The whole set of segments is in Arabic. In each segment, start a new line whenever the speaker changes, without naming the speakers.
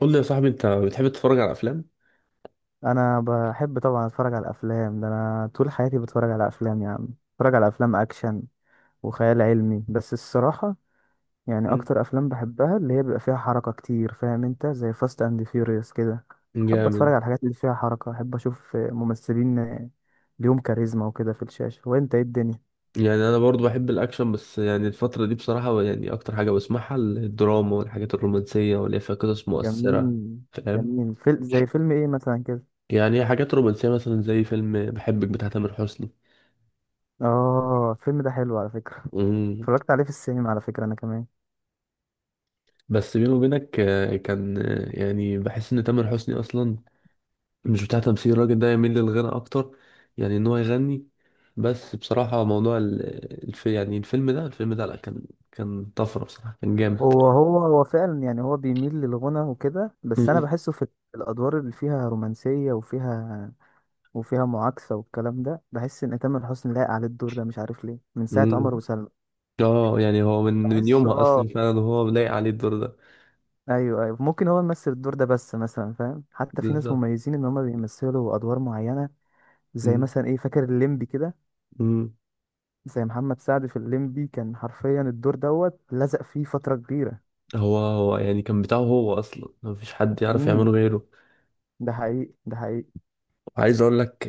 قول لي يا صاحبي، انت بتحب تتفرج على افلام؟
انا بحب طبعا اتفرج على الافلام. ده انا طول حياتي بتفرج على افلام يا عم. بتفرج على افلام اكشن وخيال علمي بس الصراحه. يعني
مم.
اكتر افلام بحبها اللي هي بيبقى فيها حركه كتير، فاهم انت؟ زي فاست اند فيوريوس كده. بحب اتفرج
جامد.
على الحاجات اللي فيها حركه، احب اشوف ممثلين ليهم كاريزما وكده في الشاشه. وانت ايه الدنيا؟
يعني انا برضو بحب الاكشن، بس يعني الفتره دي بصراحه، يعني اكتر حاجه بسمعها الدراما والحاجات الرومانسيه واللي هي فيها قصص مؤثره.
جميل.
فاهم؟
جميل. زي فيلم ايه مثلا كده؟
يعني هي حاجات رومانسيه، مثلا زي فيلم بحبك بتاع تامر حسني.
اه، الفيلم ده حلو على فكره.
امم.
اتفرجت عليه في السينما على فكره انا كمان.
بس بيني وبينك، كان، يعني بحس ان تامر حسني اصلا مش بتاع تمثيل، الراجل ده يميل للغنى اكتر. يعني ان هو يغني. بس بصراحه موضوع الفيلم ده، لا، كان طفره بصراحه، كان جامد.
هو فعلا. يعني هو بيميل للغنى وكده، بس انا
مم.
بحسه في الادوار اللي فيها رومانسيه وفيها معاكسه والكلام ده. بحس ان تامر حسني لايق على الدور ده، مش عارف ليه، من ساعه عمر
مم.
وسلمى.
اه، يعني هو من
بحسه
يومها
اه.
اصلا فعلا هو لايق عليه الدور ده.
ايوه ايوه، ممكن هو يمثل الدور ده. بس مثلا فاهم، حتى في ناس
بالظبط.
مميزين ان هم بيمثلوا ادوار معينه. زي
مم.
مثلا ايه، فاكر الليمبي كده؟
مم.
زي محمد سعد في الليمبي، كان حرفيا الدور دوت لزق فيه فتره كبيره.
هو يعني كان بتاعه هو اصلا، مفيش حد يعرف يعمله
امم
غيره.
ده حقيقي ده حقيقي.
وعايز اقول لك،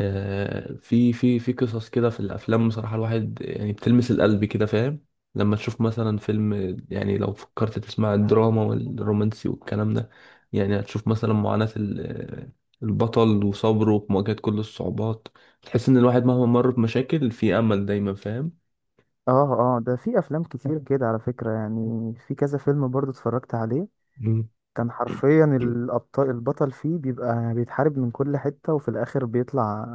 في قصص كده في الافلام بصراحه، الواحد يعني بتلمس القلب كده، فاهم؟ لما تشوف مثلا فيلم، يعني لو فكرت تسمع الدراما والرومانسي والكلام ده، يعني هتشوف مثلا معاناة البطل وصبره في مواجهة كل الصعوبات. تحس ان الواحد مهما مر بمشاكل، في امل دايما، فاهم؟
اه اه، ده في افلام كتير كده على فكرة يعني. في كذا فيلم برضو اتفرجت عليه.
مم.
كان حرفيا البطل فيه بيبقى بيتحارب من كل حتة وفي الاخر بيطلع.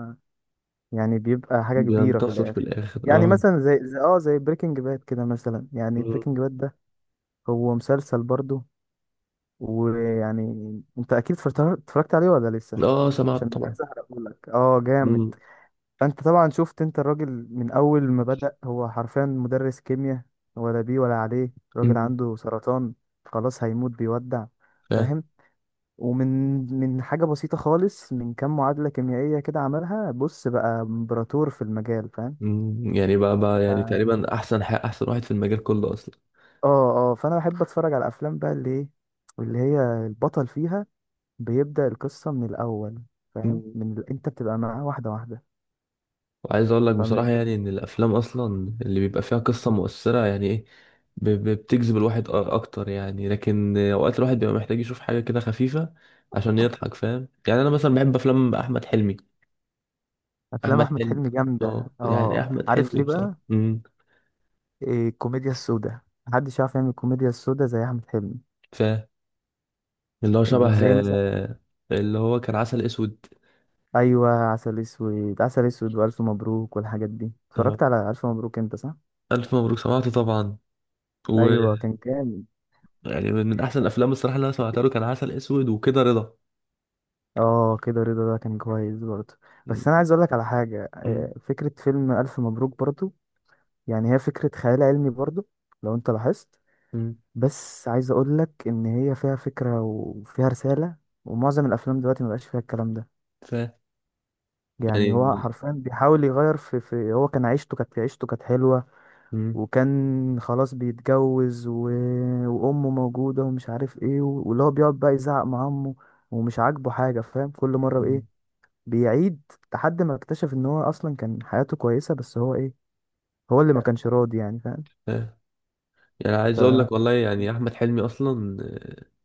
يعني بيبقى حاجة كبيرة في
بينتصر في
الاخر.
الاخر
يعني
اه.
مثلا زي بريكنج باد كده مثلا. يعني
مم.
بريكنج باد ده هو مسلسل برضو. ويعني انت اكيد اتفرجت عليه ولا لسه؟
اه سمعت
عشان مش
طبعا.
عايز احرقهولك. اه جامد.
مم.
فانت طبعا شفت، انت الراجل من اول ما بدأ هو حرفيا مدرس كيمياء، ولا بيه ولا عليه، راجل
مم.
عنده سرطان، خلاص هيموت، بيودع.
فاهم.
فاهم؟ ومن حاجة بسيطة خالص، من كام معادلة كيميائية كده عملها، بص بقى امبراطور في المجال، فاهم؟
مم. يعني بقى يعني
ف-
تقريبا احسن واحد في المجال كله اصلا.
اه اه، فانا بحب اتفرج على الافلام بقى، اللي ايه؟ اللي هي البطل فيها بيبدأ القصة من الاول، فاهم
مم.
من ال... انت بتبقى معاه واحدة واحدة.
وعايز اقول لك بصراحة، يعني ان
إيه؟
الافلام اصلا اللي بيبقى فيها قصة مؤثرة، يعني ايه، بتجذب الواحد اكتر، يعني. لكن اوقات الواحد بيبقى محتاج يشوف حاجة كده خفيفة عشان يضحك، فاهم؟ يعني انا مثلا بحب افلام احمد حلمي.
افلام
احمد
احمد
حلمي.
حلمي
اه
جامدة.
يعني
اه،
احمد
عارف
حلمي
ليه
بصراحة،
بقى؟ إيه، الكوميديا السوداء. محدش يعرف يعمل الكوميديا السوداء زي احمد حلمي.
ف اللي هو
اللي
شبه،
زي مثلا،
اللي هو كان عسل اسود.
ايوه، عسل اسود، عسل اسود والف مبروك والحاجات دي.
آه،
اتفرجت على الف مبروك انت، صح؟
الف مبروك سمعته طبعا. و
ايوه كان جامد.
يعني من احسن الافلام الصراحة اللي انا سمعتها له كان عسل اسود وكده رضا.
اه، كده رضا ده كان كويس برضه. بس
مم.
انا عايز اقول لك على حاجه،
مم.
فكره فيلم الف مبروك برضه، يعني هي فكره خيال علمي برضه لو انت لاحظت.
مم.
بس عايز اقول لك ان هي فيها فكره وفيها رساله، ومعظم الافلام دلوقتي مبقاش فيها الكلام ده.
ف
يعني هو
يعني.
حرفيا بيحاول يغير في هو. كان عيشته كانت حلوة.
مم.
وكان خلاص بيتجوز وأمه موجودة ومش عارف ايه، واللي هو بيقعد بقى يزعق مع أمه ومش عاجبه حاجة، فاهم؟ كل مرة ايه،
مم.
بيعيد لحد ما اكتشف ان هو اصلا كان حياته كويسة، بس هو ايه؟ هو اللي ما كانش راضي، يعني فاهم.
آه. يعني عايز اقول لك والله، يعني احمد حلمي اصلا،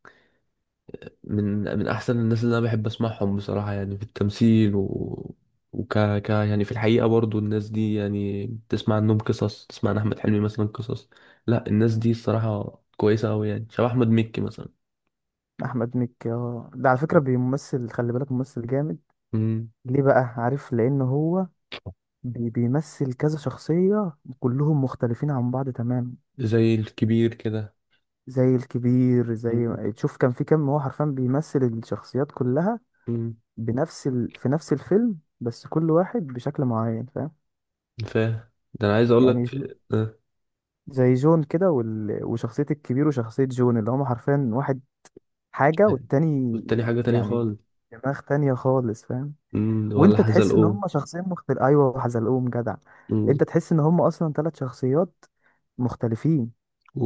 من من احسن الناس اللي انا بحب اسمعهم بصراحه، يعني في التمثيل، و وك ك يعني في الحقيقه برضو الناس دي، يعني بتسمع عنهم قصص، تسمع عن احمد حلمي مثلا قصص. لا، الناس دي الصراحه كويسه قوي، يعني شبه احمد مكي مثلا.
فأحمد مكي، ده على فكرة بيمثل، خلي بالك، ممثل جامد.
مم.
ليه بقى، عارف؟ لأن هو بيمثل كذا شخصية كلهم مختلفين عن بعض تماما.
زي الكبير كده.
زي الكبير. زي
مم.
تشوف كان في كام، هو حرفيا بيمثل الشخصيات كلها
مم.
في نفس الفيلم، بس كل واحد بشكل معين، فاهم؟
فاهم. ده انا عايز اقول
يعني
لك،
ج-
آه،
زي جون كده وشخصية الكبير وشخصية جون، اللي هما حرفيا واحد حاجة والتاني،
والتاني حاجه تانية
يعني
خالص.
دماغ تانية خالص، فاهم؟
مم. ولا
وانت تحس ان
حزلقوه.
هما شخصين مختلف. ايوه حزلقوم جدع. انت تحس ان هما اصلا ثلاث شخصيات مختلفين.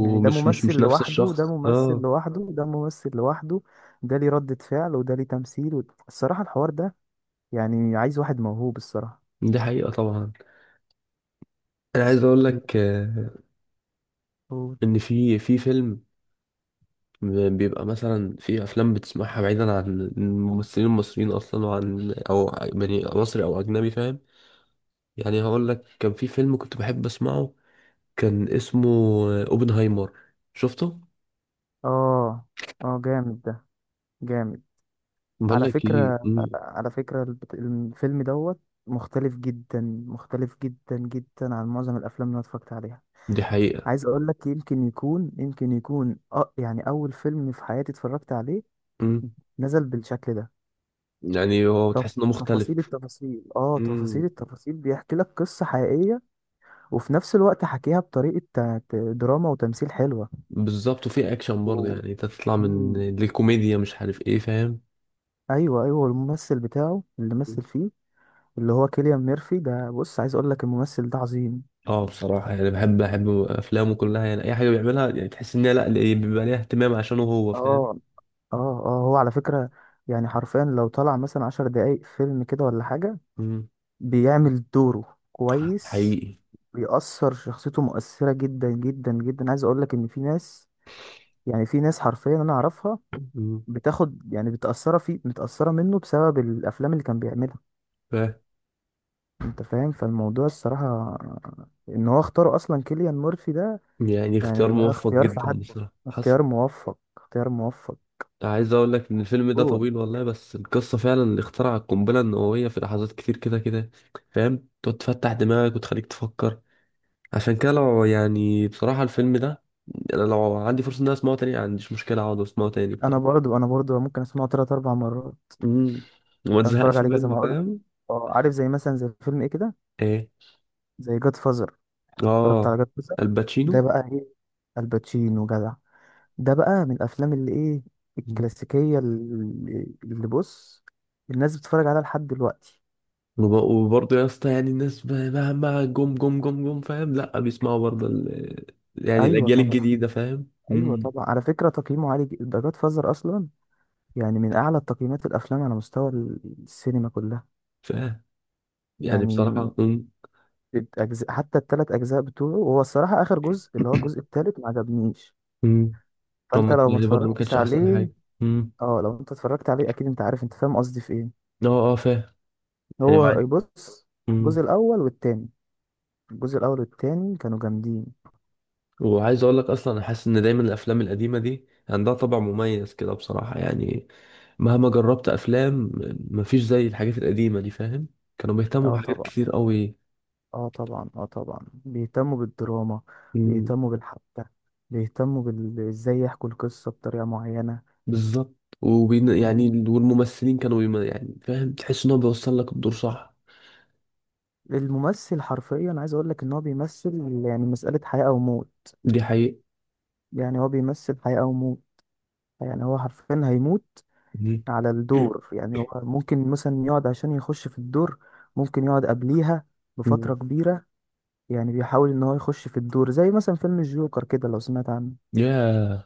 يعني ده
مش
ممثل
مش نفس
لوحده وده
الشخص
ممثل
اه.
لوحده وده ممثل لوحده. ده ليه ردة فعل وده ليه تمثيل الصراحة الحوار ده يعني عايز واحد موهوب الصراحة.
دي حقيقة طبعا. انا عايز اقول لك،
الفول.
ان في فيلم، بيبقى مثلا في افلام بتسمعها بعيدا عن الممثلين المصريين اصلا، وعن، او يعني مصري او اجنبي، فاهم؟ يعني هقول لك كان في فيلم كنت بحب اسمعه، كان اسمه، اوبنهايمر. شفته؟
اه اه جامد ده، جامد.
بقول
على
لك ايه،
فكرة على فكرة الفيلم دوت مختلف جدا. مختلف جدا جدا عن معظم الأفلام اللي أنا اتفرجت عليها.
دي حقيقة.
عايز أقول لك يمكن يكون يعني أول فيلم في حياتي اتفرجت عليه
مم.
نزل بالشكل ده.
يعني هو
تف-
تحس انه مختلف.
تفاصيل
مم.
التفاصيل بيحكي لك قصة حقيقية، وفي نفس الوقت حكيها بطريقة دراما وتمثيل حلوة
بالظبط، وفي اكشن برضه،
و...
يعني تطلع من
مم.
الكوميديا، مش عارف ايه، فاهم؟
ايوه ايوه، الممثل بتاعه اللي مثل فيه، اللي هو كيليان ميرفي ده، بص عايز اقول لك الممثل ده عظيم.
اه بصراحة يعني بحب أفلامه كلها، يعني أي حاجة بيعملها يعني تحس إن هي، لأ، اللي بيبقى ليها اهتمام عشانه هو،
اه
فاهم؟
اه اه، هو على فكرة يعني حرفيا لو طلع مثلا عشر دقايق فيلم كده ولا حاجة،
مم.
بيعمل دوره كويس.
حقيقي.
بيأثر شخصيته مؤثرة جدا جدا جدا. عايز اقول لك ان في ناس، يعني في ناس حرفيا انا اعرفها
مم.
بتاخد، يعني بتأثرة فيه متأثرة منه بسبب الأفلام اللي كان بيعملها.
فاهم.
أنت فاهم، فالموضوع الصراحة إن هو اختاره أصلا كيليان مورفي ده،
يعني
يعني
اختيار
ده
موفق
اختيار في
جدا
حد.
بصراحة حصل.
اختيار موفق اختيار موفق.
عايز أقول لك إن الفيلم ده
جون.
طويل والله، بس القصة فعلا اللي اخترع القنبلة النووية، في لحظات كتير كده كده، فاهم، تقعد تفتح دماغك وتخليك تفكر. عشان كده لو، يعني بصراحة الفيلم ده، أنا لو عندي فرصة إن أنا أسمعه تاني، ما عنديش مشكلة أقعد أسمعه تاني
أنا
بصراحة.
برضو أنا برضو ممكن أسمعه تلات أربع مرات.
مم. وما
ممكن أتفرج
تزهقش
عليه كذا
منه،
ما أقول.
فاهم؟
عارف؟ زي مثلا زي فيلم إيه كده؟
ايه.
زي جاد فازر. اتفرجت
اه.
على جاد فازر، ده
الباتشينو.
بقى إيه؟ الباتشينو جدع. ده بقى من الافلام اللي ايه،
مم.
الكلاسيكيه اللي بص الناس بتتفرج عليها لحد دلوقتي.
وبرضه يا اسطى، يعني الناس مهما جم جم جم جم، فاهم، لا بيسمعوا برضه ال... يعني
ايوه
الاجيال
طبعا،
الجديده، فاهم؟
ايوه طبعا، على فكره تقييمه عالي جدا ده جاد فازر اصلا. يعني من اعلى تقييمات الافلام على مستوى السينما كلها.
فاهم. يعني
يعني
بصراحه.
الأجزاء، حتى الثلاث اجزاء بتوعه، وهو الصراحه اخر جزء اللي هو الجزء الثالث ما عجبنيش.
امم
فانت
هم،
لو ما
يعني برضه ما
اتفرجتش
كانش احسن حاجه.
عليه،
امم
اه، لو انت اتفرجت عليه اكيد انت عارف، انت فاهم قصدي في ايه.
اه اه، فاهم. يعني،
هو بص،
امم
الجزء الاول والتاني الجزء الاول والتاني كانوا جامدين.
وعايز اقول لك اصلا، انا حاسس ان دايما الافلام القديمه دي عندها طابع مميز كده بصراحه، يعني مهما جربت افلام، مفيش زي الحاجات القديمه دي، فاهم، كانوا بيهتموا
اه
بحاجات
طبعا،
كتير قوي.
اه طبعا، اه طبعا بيهتموا بالدراما، بيهتموا بالحبكة، بيهتموا ازاي يحكوا القصة بطريقة معينة.
بالظبط. وبين، يعني
مم.
والممثلين كانوا بيم... يعني فاهم، تحس ان هو بيوصل لك الدور صح.
الممثل حرفيا عايز اقول لك ان هو بيمثل يعني مسألة حياة او موت.
دي حقيقة.
يعني هو بيمثل حياة او موت، يعني هو حرفيا هيموت
مم.
على الدور. يعني هو ممكن مثلا يقعد عشان يخش في الدور، ممكن يقعد قبليها بفترة
مم.
كبيرة، يعني بيحاول ان هو يخش في الدور. زي مثلا فيلم الجوكر كده، لو سمعت عنه.
يا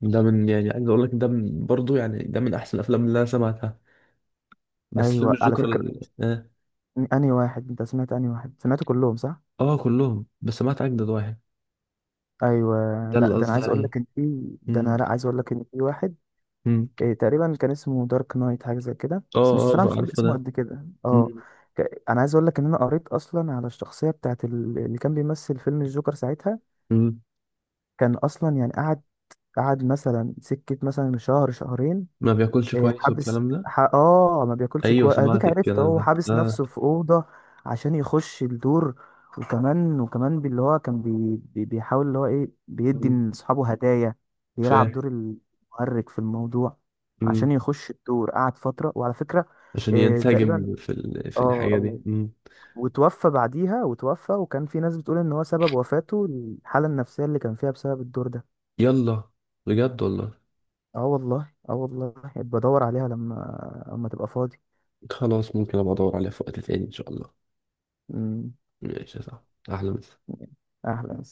ده من، يعني عايز اقول لك ده من برضه، يعني ده من احسن الافلام اللي انا سمعتها. بس فيلم
ايوه على
الجوكر
فكرة، انهي واحد انت سمعت؟ انهي واحد سمعت، كلهم صح؟
آه كلهم، بس سمعت اجدد واحد،
ايوه.
ده
لا
اللي
ده انا
قصدي
عايز اقول
عليه.
لك ان في ده انا،
مم.
لا، عايز اقول لك ان في واحد
مم.
إيه تقريبا كان اسمه دارك نايت حاجه زي كده، بس مش
اه
صراحه،
اه،
مش فاكر
عارفه
اسمه
ده.
قد كده اه.
مم.
انا عايز اقول لك ان انا قريت اصلا على الشخصيه بتاعت اللي كان بيمثل فيلم الجوكر ساعتها.
مم.
كان اصلا يعني قعد مثلا سكه مثلا شهر شهرين.
ما بياكلش
إيه،
كويس
حابس
والكلام ده.
ح... اه ما بياكلش
ايوه
كويس، اديك
سمعت
عرفت
الكلام
اهو،
ده
حابس
اه.
نفسه في اوضه عشان يخش الدور. وكمان باللي هو كان بيحاول اللي هو ايه بيدي
مم.
لاصحابه هدايا، بيلعب
فاهم.
دور المؤرج في الموضوع عشان
مم.
يخش الدور. قعد فتره، وعلى فكره
عشان
إيه تقريبا،
ينسجم في ال... في
اه
الحاجه دي.
وتوفى بعديها. وتوفى وكان في ناس بتقول ان هو سبب وفاته الحاله النفسيه اللي كان فيها بسبب الدور ده.
يلا، بجد والله.
اه والله، اه والله، بدور عليها لما تبقى فاضي.
خلاص، ممكن ابقى ادور عليها في وقت تاني ان شاء الله.
مم.
ماشي صح. احلى مسا.
أهلا.